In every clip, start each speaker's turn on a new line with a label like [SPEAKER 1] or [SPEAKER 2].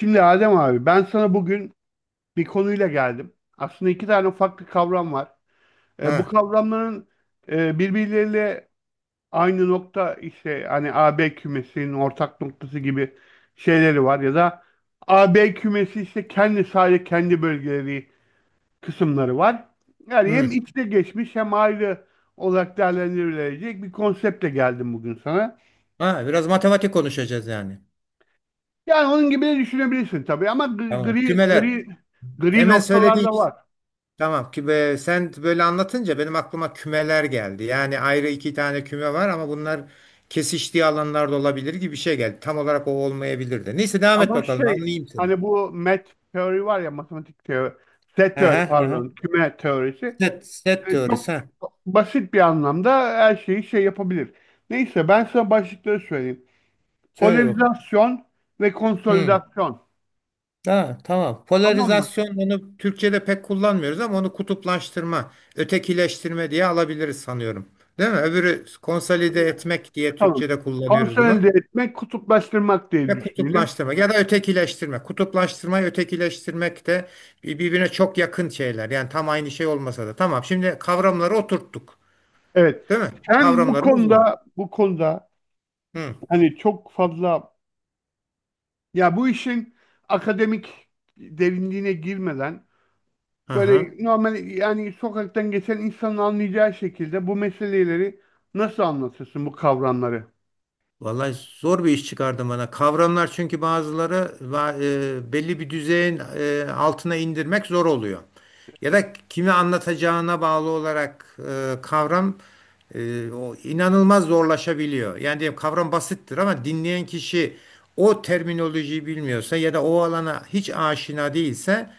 [SPEAKER 1] Şimdi Adem abi ben sana bugün bir konuyla geldim. Aslında iki tane farklı kavram var. Bu
[SPEAKER 2] Ha,
[SPEAKER 1] kavramların birbirleriyle aynı nokta işte hani A B kümesinin ortak noktası gibi şeyleri var ya da A B kümesi işte kendi sadece kendi bölgeleri kısımları var. Yani hem
[SPEAKER 2] hı.
[SPEAKER 1] içte geçmiş hem ayrı olarak değerlendirilecek bir konseptle geldim bugün sana.
[SPEAKER 2] Ha, biraz matematik konuşacağız yani.
[SPEAKER 1] Yani onun gibi de düşünebilirsin tabii ama
[SPEAKER 2] Tamam. Kümeler.
[SPEAKER 1] gri
[SPEAKER 2] Hemen
[SPEAKER 1] noktalar
[SPEAKER 2] söylediğin
[SPEAKER 1] da var.
[SPEAKER 2] tamam ki sen böyle anlatınca benim aklıma kümeler geldi. Yani ayrı iki tane küme var ama bunlar kesiştiği alanlarda olabilir gibi bir şey geldi. Tam olarak o olmayabilir de. Neyse devam et
[SPEAKER 1] Ama
[SPEAKER 2] bakalım
[SPEAKER 1] şey,
[SPEAKER 2] anlayayım seni.
[SPEAKER 1] hani bu met teori var ya, matematik teori, set teori,
[SPEAKER 2] Aha,
[SPEAKER 1] pardon,
[SPEAKER 2] aha.
[SPEAKER 1] küme teorisi
[SPEAKER 2] Set teorisi
[SPEAKER 1] çok
[SPEAKER 2] ha.
[SPEAKER 1] basit bir anlamda her şeyi şey yapabilir. Neyse ben sana başlıkları söyleyeyim.
[SPEAKER 2] Söyle bakalım.
[SPEAKER 1] Polarizasyon ve
[SPEAKER 2] Hı.
[SPEAKER 1] konsolidasyon.
[SPEAKER 2] Ha, tamam.
[SPEAKER 1] Tamam mı?
[SPEAKER 2] Polarizasyon onu Türkçe'de pek kullanmıyoruz ama onu kutuplaştırma, ötekileştirme diye alabiliriz sanıyorum. Değil mi? Öbürü konsolide
[SPEAKER 1] Olabilir.
[SPEAKER 2] etmek diye
[SPEAKER 1] Tamam.
[SPEAKER 2] Türkçe'de kullanıyoruz
[SPEAKER 1] Konsolide
[SPEAKER 2] bunu.
[SPEAKER 1] etmek, kutuplaştırmak diye
[SPEAKER 2] Ve
[SPEAKER 1] düşünelim.
[SPEAKER 2] kutuplaştırma ya da ötekileştirme. Kutuplaştırmayı ötekileştirmek de birbirine çok yakın şeyler. Yani tam aynı şey olmasa da. Tamam. Şimdi kavramları oturttuk.
[SPEAKER 1] Evet.
[SPEAKER 2] Değil mi?
[SPEAKER 1] Sen bu
[SPEAKER 2] Kavramlarımız bu.
[SPEAKER 1] konuda bu konuda
[SPEAKER 2] Hı.
[SPEAKER 1] hani çok fazla, ya bu işin akademik derinliğine girmeden,
[SPEAKER 2] Aha.
[SPEAKER 1] böyle normal, yani sokaktan geçen insanın anlayacağı şekilde bu meseleleri nasıl anlatırsın bu kavramları?
[SPEAKER 2] Vallahi zor bir iş çıkardı bana. Kavramlar çünkü belli bir düzeyin altına indirmek zor oluyor. Ya da kime anlatacağına bağlı olarak kavram o inanılmaz zorlaşabiliyor. Yani diyelim kavram basittir ama dinleyen kişi o terminolojiyi bilmiyorsa ya da o alana hiç aşina değilse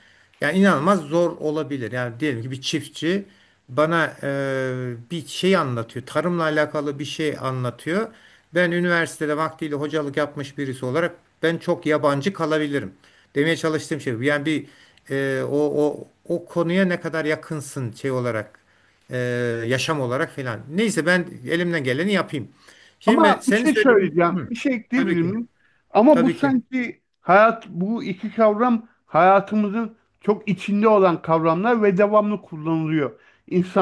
[SPEAKER 2] yani inanılmaz zor olabilir. Yani diyelim ki bir çiftçi bana bir şey anlatıyor. Tarımla alakalı bir şey anlatıyor. Ben üniversitede vaktiyle hocalık yapmış birisi olarak ben çok yabancı kalabilirim. Demeye çalıştığım şey bu. Yani bir o konuya ne kadar yakınsın şey olarak, e, yaşam olarak falan. Neyse ben elimden geleni yapayım. Şimdi
[SPEAKER 1] Ama bir
[SPEAKER 2] senin
[SPEAKER 1] şey
[SPEAKER 2] söylediğin,
[SPEAKER 1] söyleyeceğim,
[SPEAKER 2] hı,
[SPEAKER 1] bir şey
[SPEAKER 2] tabii
[SPEAKER 1] ekleyebilir
[SPEAKER 2] ki.
[SPEAKER 1] miyim? Ama bu
[SPEAKER 2] Tabii ki.
[SPEAKER 1] sanki hayat, bu iki kavram hayatımızın çok içinde olan kavramlar ve devamlı kullanılıyor.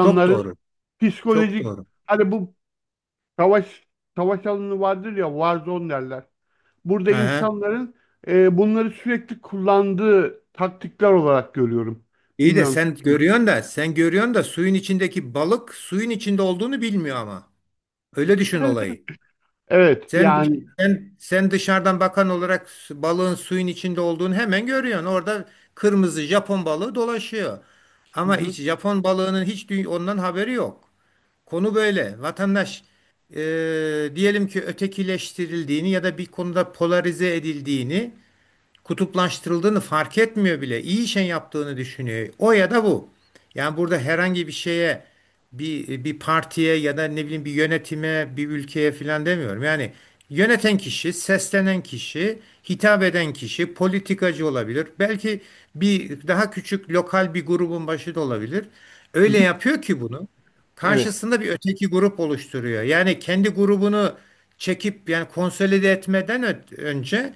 [SPEAKER 2] Çok doğru. Çok
[SPEAKER 1] psikolojik,
[SPEAKER 2] doğru.
[SPEAKER 1] hani bu savaş, savaş alanı vardır ya, warzone derler. Burada
[SPEAKER 2] Hı hı.
[SPEAKER 1] insanların bunları sürekli kullandığı taktikler olarak görüyorum.
[SPEAKER 2] İyi de
[SPEAKER 1] Bilmiyorum.
[SPEAKER 2] sen görüyorsun da sen görüyorsun da suyun içindeki balık suyun içinde olduğunu bilmiyor ama. Öyle düşün olayı.
[SPEAKER 1] Evet,
[SPEAKER 2] Sen
[SPEAKER 1] yani.
[SPEAKER 2] sen dışarıdan bakan olarak balığın suyun içinde olduğunu hemen görüyorsun. Orada kırmızı Japon balığı dolaşıyor.
[SPEAKER 1] Hı
[SPEAKER 2] Ama hiç
[SPEAKER 1] hı,
[SPEAKER 2] Japon balığının hiç ondan haberi yok. Konu böyle. Vatandaş, diyelim ki ötekileştirildiğini ya da bir konuda polarize edildiğini, kutuplaştırıldığını fark etmiyor bile. İyi şey yaptığını düşünüyor. O ya da bu. Yani burada herhangi bir şeye, bir partiye ya da ne bileyim bir yönetime, bir ülkeye filan demiyorum. Yani yöneten kişi, seslenen kişi, hitap eden kişi politikacı olabilir. Belki bir daha küçük lokal bir grubun başı da olabilir.
[SPEAKER 1] hı
[SPEAKER 2] Öyle
[SPEAKER 1] hı,
[SPEAKER 2] yapıyor ki bunu.
[SPEAKER 1] evet.
[SPEAKER 2] Karşısında bir öteki grup oluşturuyor. Yani kendi grubunu çekip yani konsolide etmeden önce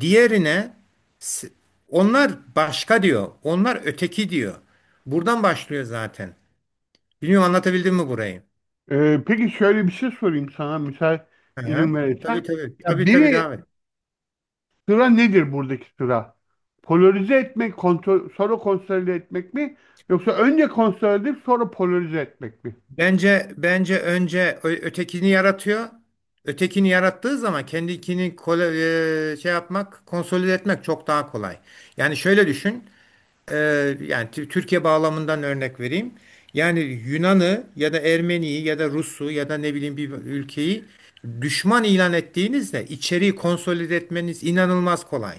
[SPEAKER 2] diğerine S- onlar başka diyor. Onlar öteki diyor. Buradan başlıyor zaten. Bilmiyorum anlatabildim mi burayı?
[SPEAKER 1] Peki şöyle bir şey sorayım sana, müsait
[SPEAKER 2] Hı
[SPEAKER 1] izin
[SPEAKER 2] hı. Tabii
[SPEAKER 1] verirsen.
[SPEAKER 2] tabii.
[SPEAKER 1] Ya
[SPEAKER 2] Tabii tabii
[SPEAKER 1] biri,
[SPEAKER 2] devam et.
[SPEAKER 1] sıra nedir buradaki sıra? Polarize etmek, kontrol, sonra konsolide etmek mi? Yoksa önce konsolide edip sonra polarize etmek mi?
[SPEAKER 2] Bence önce ötekini yaratıyor. Ötekini yarattığı zaman kendikini kole, şey yapmak, konsolide etmek çok daha kolay. Yani şöyle düşün. e, Yani Türkiye bağlamından örnek vereyim. Yani Yunan'ı ya da Ermeni'yi ya da Rus'u ya da ne bileyim bir ülkeyi düşman ilan ettiğinizde içeriği konsolide etmeniz inanılmaz kolay.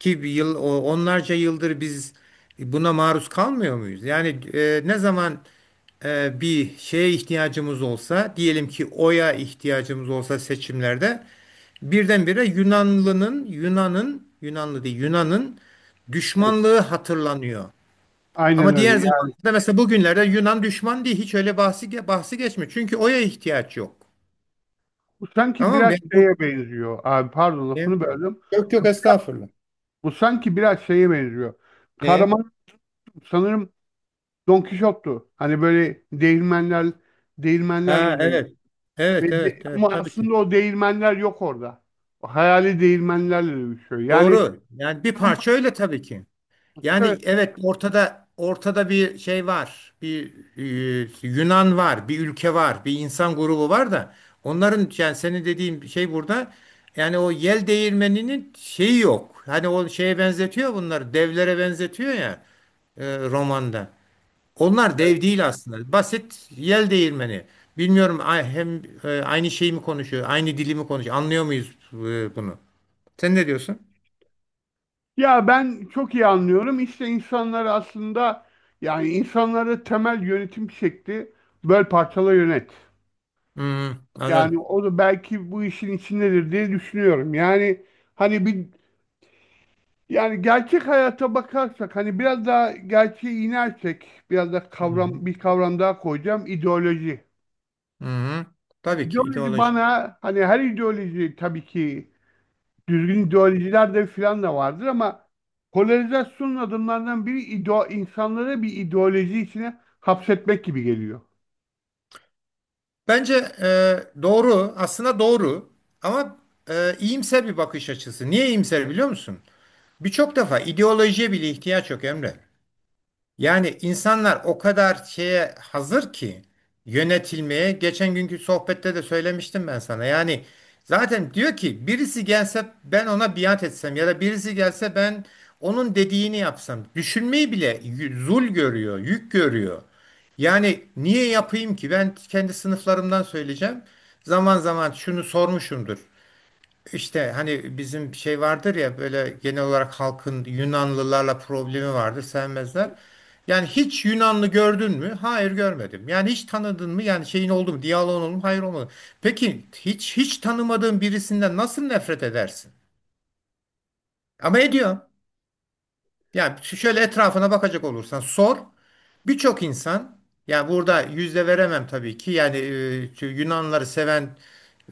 [SPEAKER 2] Ki bir yıl onlarca yıldır biz buna maruz kalmıyor muyuz? Yani ne zaman bir şeye ihtiyacımız olsa, diyelim ki oya ihtiyacımız olsa seçimlerde birdenbire Yunanlı'nın, Yunan'ın, Yunanlı değil, Yunan'ın
[SPEAKER 1] Evet.
[SPEAKER 2] düşmanlığı hatırlanıyor.
[SPEAKER 1] Aynen
[SPEAKER 2] Ama diğer
[SPEAKER 1] öyle. Yani
[SPEAKER 2] zamanlarda mesela bugünlerde Yunan düşman diye hiç öyle bahsi geçmiyor. Çünkü oya ihtiyaç yok.
[SPEAKER 1] bu sanki
[SPEAKER 2] Tamam mı?
[SPEAKER 1] biraz şeye benziyor. Abi, pardon, lafını böldüm.
[SPEAKER 2] Yok yok estağfurullah.
[SPEAKER 1] Bu sanki biraz şeye benziyor.
[SPEAKER 2] Neye?
[SPEAKER 1] Kahraman sanırım Don Kişot'tu. Hani böyle
[SPEAKER 2] Ha
[SPEAKER 1] değirmenlerle dövüş.
[SPEAKER 2] evet. Evet evet
[SPEAKER 1] Ama
[SPEAKER 2] evet tabii ki.
[SPEAKER 1] aslında o değirmenler yok orada. O hayali değirmenlerle dövüşüyor. Yani
[SPEAKER 2] Doğru. Yani bir
[SPEAKER 1] tamam,
[SPEAKER 2] parça öyle tabii ki. Yani
[SPEAKER 1] evet.
[SPEAKER 2] evet ortada bir şey var. Bir, Yunan var, bir ülke var, bir insan grubu var da onların yani senin dediğin şey burada, yani o yel değirmeninin şeyi yok. Hani o şeye benzetiyor bunları, devlere benzetiyor ya, romanda. Onlar dev değil aslında. Basit yel değirmeni. Bilmiyorum hem aynı şeyi mi konuşuyor, aynı dili mi konuşuyor? Anlıyor muyuz bunu? Sen ne diyorsun?
[SPEAKER 1] Ya ben çok iyi anlıyorum. İşte insanları aslında, yani insanları temel yönetim şekli böl, parçala, yönet.
[SPEAKER 2] Hmm,
[SPEAKER 1] Yani
[SPEAKER 2] anladım.
[SPEAKER 1] o da belki bu işin içindedir diye düşünüyorum. Yani hani bir, yani gerçek hayata bakarsak, hani biraz daha gerçeği inersek, biraz da
[SPEAKER 2] Hı hı.
[SPEAKER 1] kavram, bir kavram daha koyacağım: ideoloji.
[SPEAKER 2] Hı hı. Tabii ki
[SPEAKER 1] İdeoloji
[SPEAKER 2] ideoloji.
[SPEAKER 1] bana, hani her ideoloji tabii ki, düzgün ideolojiler de filan da vardır ama polarizasyonun adımlarından biri ideo, insanları bir ideoloji içine hapsetmek gibi geliyor.
[SPEAKER 2] Bence doğru, aslında doğru, ama iyimser bir bakış açısı. Niye iyimser biliyor musun? Birçok defa ideolojiye bile ihtiyaç yok Emre. Yani insanlar o kadar şeye hazır ki yönetilmeye. Geçen günkü sohbette de söylemiştim ben sana. Yani zaten diyor ki birisi gelse ben ona biat etsem ya da birisi gelse ben onun dediğini yapsam. Düşünmeyi bile zul görüyor, yük görüyor. Yani niye yapayım ki? Ben kendi sınıflarımdan söyleyeceğim. Zaman zaman şunu sormuşumdur. İşte hani bizim şey vardır ya böyle genel olarak halkın Yunanlılarla problemi vardır sevmezler. Yani hiç Yunanlı gördün mü? Hayır görmedim. Yani hiç tanıdın mı? Yani şeyin oldu mu? Diyaloğun oldu mu? Hayır olmadı. Peki hiç tanımadığın birisinden nasıl nefret edersin? Ama ediyor. Ya şöyle etrafına bakacak olursan sor. Birçok insan, yani burada yüzde veremem tabii ki. Yani şu Yunanları seven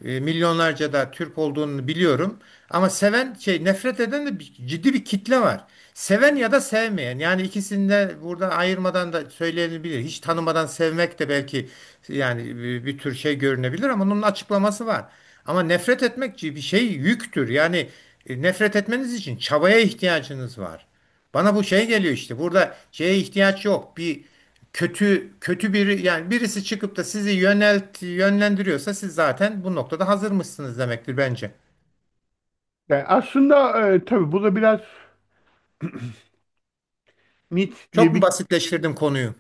[SPEAKER 2] milyonlarca da Türk olduğunu biliyorum. Ama seven şey nefret eden de ciddi bir kitle var. Seven ya da sevmeyen. Yani ikisini de burada ayırmadan da söylenebilir. Hiç tanımadan sevmek de belki yani bir tür şey görünebilir ama onun açıklaması var. Ama nefret etmek bir şey yüktür. Yani nefret etmeniz için çabaya ihtiyacınız var. Bana bu şey geliyor işte. Burada şeye ihtiyaç yok. Bir kötü biri yani birisi çıkıp da sizi yönlendiriyorsa siz zaten bu noktada hazır mısınız demektir bence.
[SPEAKER 1] Yani aslında tabii bu da biraz mit
[SPEAKER 2] Çok
[SPEAKER 1] diye
[SPEAKER 2] mu
[SPEAKER 1] bir,
[SPEAKER 2] basitleştirdim konuyu?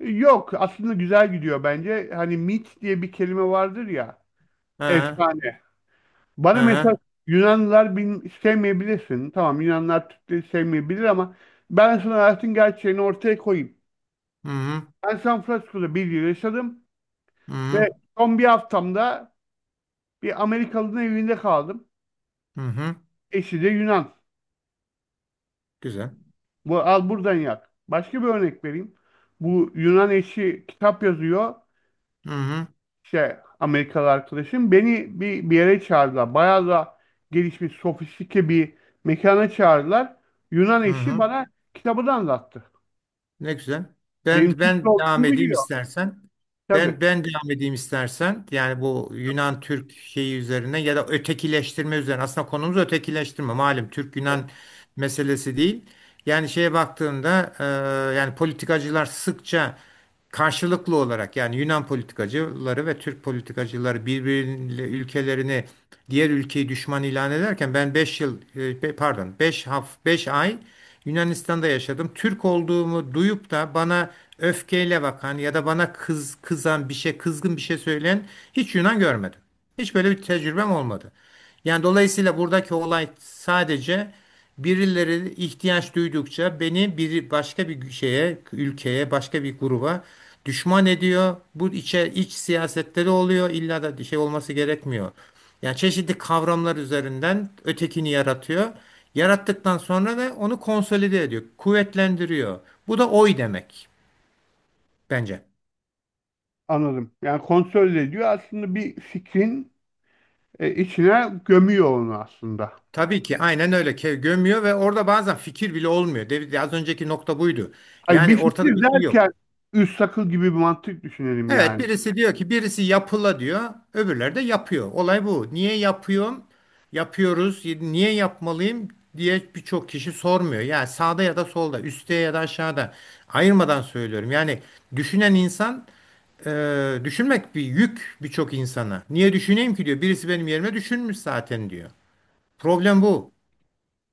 [SPEAKER 1] yok aslında güzel gidiyor bence. Hani mit diye bir kelime vardır ya,
[SPEAKER 2] Ha,
[SPEAKER 1] efsane. Bana mesela
[SPEAKER 2] ha,
[SPEAKER 1] Yunanlılar bin, sevmeyebilirsin. Tamam, Yunanlar Türkleri sevmeyebilir ama ben sana hayatın gerçeğini ortaya koyayım.
[SPEAKER 2] hı hı,
[SPEAKER 1] Ben San Francisco'da bir yıl yaşadım
[SPEAKER 2] hı hı,
[SPEAKER 1] ve son bir haftamda bir Amerikalı'nın evinde kaldım.
[SPEAKER 2] hı hı,
[SPEAKER 1] Eşi de Yunan.
[SPEAKER 2] güzel.
[SPEAKER 1] Bu, al buradan yak. Başka bir örnek vereyim. Bu Yunan eşi kitap yazıyor.
[SPEAKER 2] Hı hı,
[SPEAKER 1] İşte Amerikalı arkadaşım. Beni bir yere çağırdılar. Bayağı da gelişmiş, sofistike bir mekana çağırdılar. Yunan
[SPEAKER 2] hı
[SPEAKER 1] eşi
[SPEAKER 2] hı.
[SPEAKER 1] bana kitabı da anlattı.
[SPEAKER 2] Ne güzel.
[SPEAKER 1] Benim
[SPEAKER 2] Ben
[SPEAKER 1] Türkçe
[SPEAKER 2] ben devam
[SPEAKER 1] olduğunu
[SPEAKER 2] edeyim
[SPEAKER 1] biliyor.
[SPEAKER 2] istersen.
[SPEAKER 1] Tabii,
[SPEAKER 2] Ben devam edeyim istersen. Yani bu Yunan Türk şeyi üzerine ya da ötekileştirme üzerine. Aslında konumuz ötekileştirme. Malum Türk Yunan meselesi değil. Yani şeye baktığında, yani politikacılar sıkça karşılıklı olarak, yani Yunan politikacıları ve Türk politikacıları birbiriyle ülkelerini, diğer ülkeyi düşman ilan ederken ben 5 yıl pardon 5 ay Yunanistan'da yaşadım. Türk olduğumu duyup da bana öfkeyle bakan ya da bana kızan bir şey, kızgın bir şey söyleyen hiç Yunan görmedim. Hiç böyle bir tecrübem olmadı. Yani dolayısıyla buradaki olay sadece birileri ihtiyaç duydukça beni bir başka bir şeye, ülkeye, başka bir gruba düşman ediyor. Bu iç siyasetleri oluyor. İlla da şey olması gerekmiyor. Yani çeşitli kavramlar üzerinden ötekini yaratıyor. Yarattıktan sonra da onu konsolide ediyor, kuvvetlendiriyor. Bu da oy demek bence.
[SPEAKER 1] anladım. Yani kontrol ediyor. Aslında bir fikrin içine gömüyor onu aslında.
[SPEAKER 2] Tabii ki aynen öyle. Gömüyor ve orada bazen fikir bile olmuyor. Az önceki nokta buydu.
[SPEAKER 1] Ay, bir
[SPEAKER 2] Yani ortada
[SPEAKER 1] fikir
[SPEAKER 2] bir şey
[SPEAKER 1] derken
[SPEAKER 2] yok.
[SPEAKER 1] üst akıl gibi bir mantık düşünelim
[SPEAKER 2] Evet
[SPEAKER 1] yani.
[SPEAKER 2] birisi diyor ki, birisi yapıla diyor, öbürleri de yapıyor. Olay bu. Niye yapıyorum? Yapıyoruz. Niye yapmalıyım diye birçok kişi sormuyor. Yani sağda ya da solda, üstte ya da aşağıda ayırmadan söylüyorum. Yani düşünen insan, düşünmek bir yük birçok insana. Niye düşüneyim ki diyor. Birisi benim yerime düşünmüş zaten diyor. Problem bu.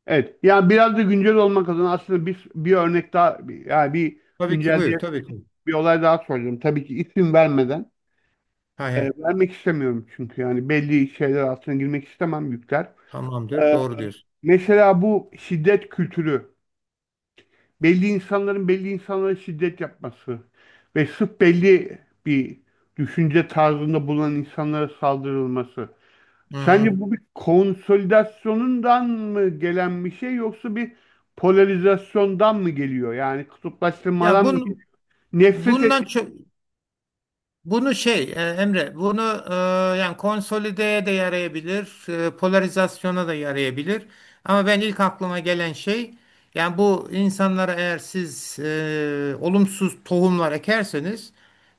[SPEAKER 1] Evet. Yani biraz da güncel olmak adına aslında bir, bir örnek daha, yani bir
[SPEAKER 2] Tabii ki
[SPEAKER 1] güncel diye
[SPEAKER 2] buyur. Tabii ki.
[SPEAKER 1] bir olay daha soracağım. Tabii ki isim vermeden.
[SPEAKER 2] Hay hay.
[SPEAKER 1] Vermek istemiyorum çünkü yani belli şeyler altına girmek istemem, yükler.
[SPEAKER 2] Tamamdır.
[SPEAKER 1] Ee,
[SPEAKER 2] Doğru diyorsun.
[SPEAKER 1] Mesela bu şiddet kültürü. Belli insanların belli insanlara şiddet yapması ve sırf belli bir düşünce tarzında bulunan insanlara saldırılması.
[SPEAKER 2] Hı. Hı.
[SPEAKER 1] Sence bu bir konsolidasyonundan mı gelen bir şey, yoksa bir polarizasyondan mı geliyor? Yani
[SPEAKER 2] Ya
[SPEAKER 1] kutuplaştırmadan mı
[SPEAKER 2] bun
[SPEAKER 1] geliyor? Nefret et,
[SPEAKER 2] Bundan çok, bunu şey, Emre, bunu, yani konsolideye de yarayabilir, polarizasyona da yarayabilir. Ama ben ilk aklıma gelen şey, yani bu insanlara eğer siz olumsuz tohumlar ekerseniz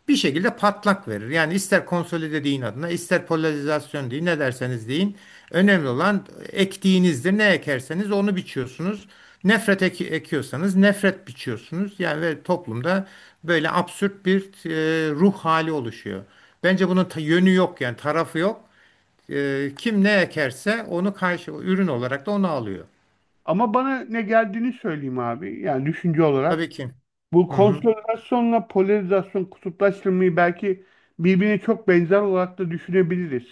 [SPEAKER 2] bir şekilde patlak verir. Yani ister konsolide deyin adına, ister polarizasyon deyin, ne derseniz deyin. Önemli olan ektiğinizdir. Ne ekerseniz onu biçiyorsunuz. Nefret ekiyorsanız nefret biçiyorsunuz. Yani ve toplumda böyle absürt bir ruh hali oluşuyor. Bence bunun yönü yok yani tarafı yok. E, kim ne ekerse onu karşı ürün olarak da onu alıyor.
[SPEAKER 1] ama bana ne geldiğini söyleyeyim abi. Yani düşünce
[SPEAKER 2] Tabii
[SPEAKER 1] olarak.
[SPEAKER 2] ki.
[SPEAKER 1] Bu
[SPEAKER 2] Hı hı.
[SPEAKER 1] konsolidasyonla polarizasyon, kutuplaştırmayı belki birbirine çok benzer olarak da düşünebiliriz.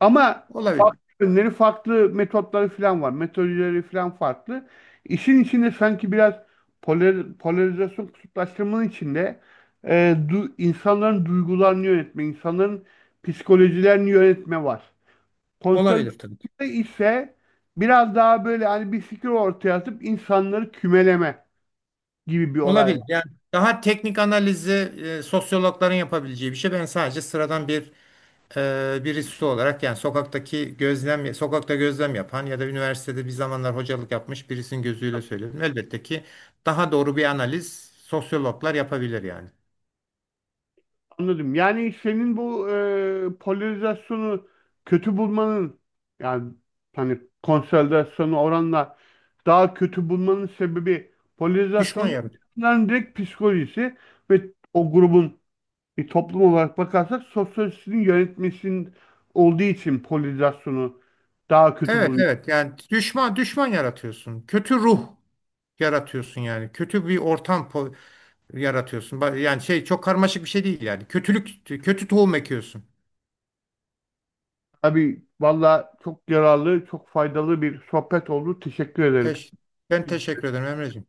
[SPEAKER 1] Ama
[SPEAKER 2] Olabilir.
[SPEAKER 1] farklı yönleri, farklı metotları falan var. Metodolojileri falan farklı. İşin içinde sanki biraz polar-, polarizasyon, kutuplaştırmanın içinde e, du-, insanların duygularını yönetme, insanların psikolojilerini yönetme var. Konsolidasyonda
[SPEAKER 2] Olabilir tabii ki.
[SPEAKER 1] ise biraz daha böyle hani bir fikir ortaya atıp insanları kümeleme gibi bir olay
[SPEAKER 2] Olabilir.
[SPEAKER 1] var.
[SPEAKER 2] Yani daha teknik analizi sosyologların yapabileceği bir şey. Ben sadece sıradan bir birisi olarak, yani sokaktaki gözlem, sokakta gözlem yapan ya da üniversitede bir zamanlar hocalık yapmış birisinin gözüyle söylüyorum. Elbette ki daha doğru bir analiz sosyologlar yapabilir yani.
[SPEAKER 1] Anladım. Yani senin bu polarizasyonu kötü bulmanın, yani hani konsolidasyonu oranla daha kötü bulmanın sebebi,
[SPEAKER 2] Düşman
[SPEAKER 1] polarizasyonun
[SPEAKER 2] yarat.
[SPEAKER 1] insanların direkt psikolojisi ve o grubun, bir toplum olarak bakarsak sosyolojisinin yönetmesinin olduğu için polarizasyonu daha kötü
[SPEAKER 2] Evet
[SPEAKER 1] buluyor.
[SPEAKER 2] evet, yani düşman, yaratıyorsun. Kötü ruh yaratıyorsun yani. Kötü bir ortam yaratıyorsun. Yani şey çok karmaşık bir şey değil yani. Kötülük, kötü tohum ekiyorsun.
[SPEAKER 1] Abi valla çok yararlı, çok faydalı bir sohbet oldu. Teşekkür ederim.
[SPEAKER 2] Teş Ben teşekkür ederim Emreciğim.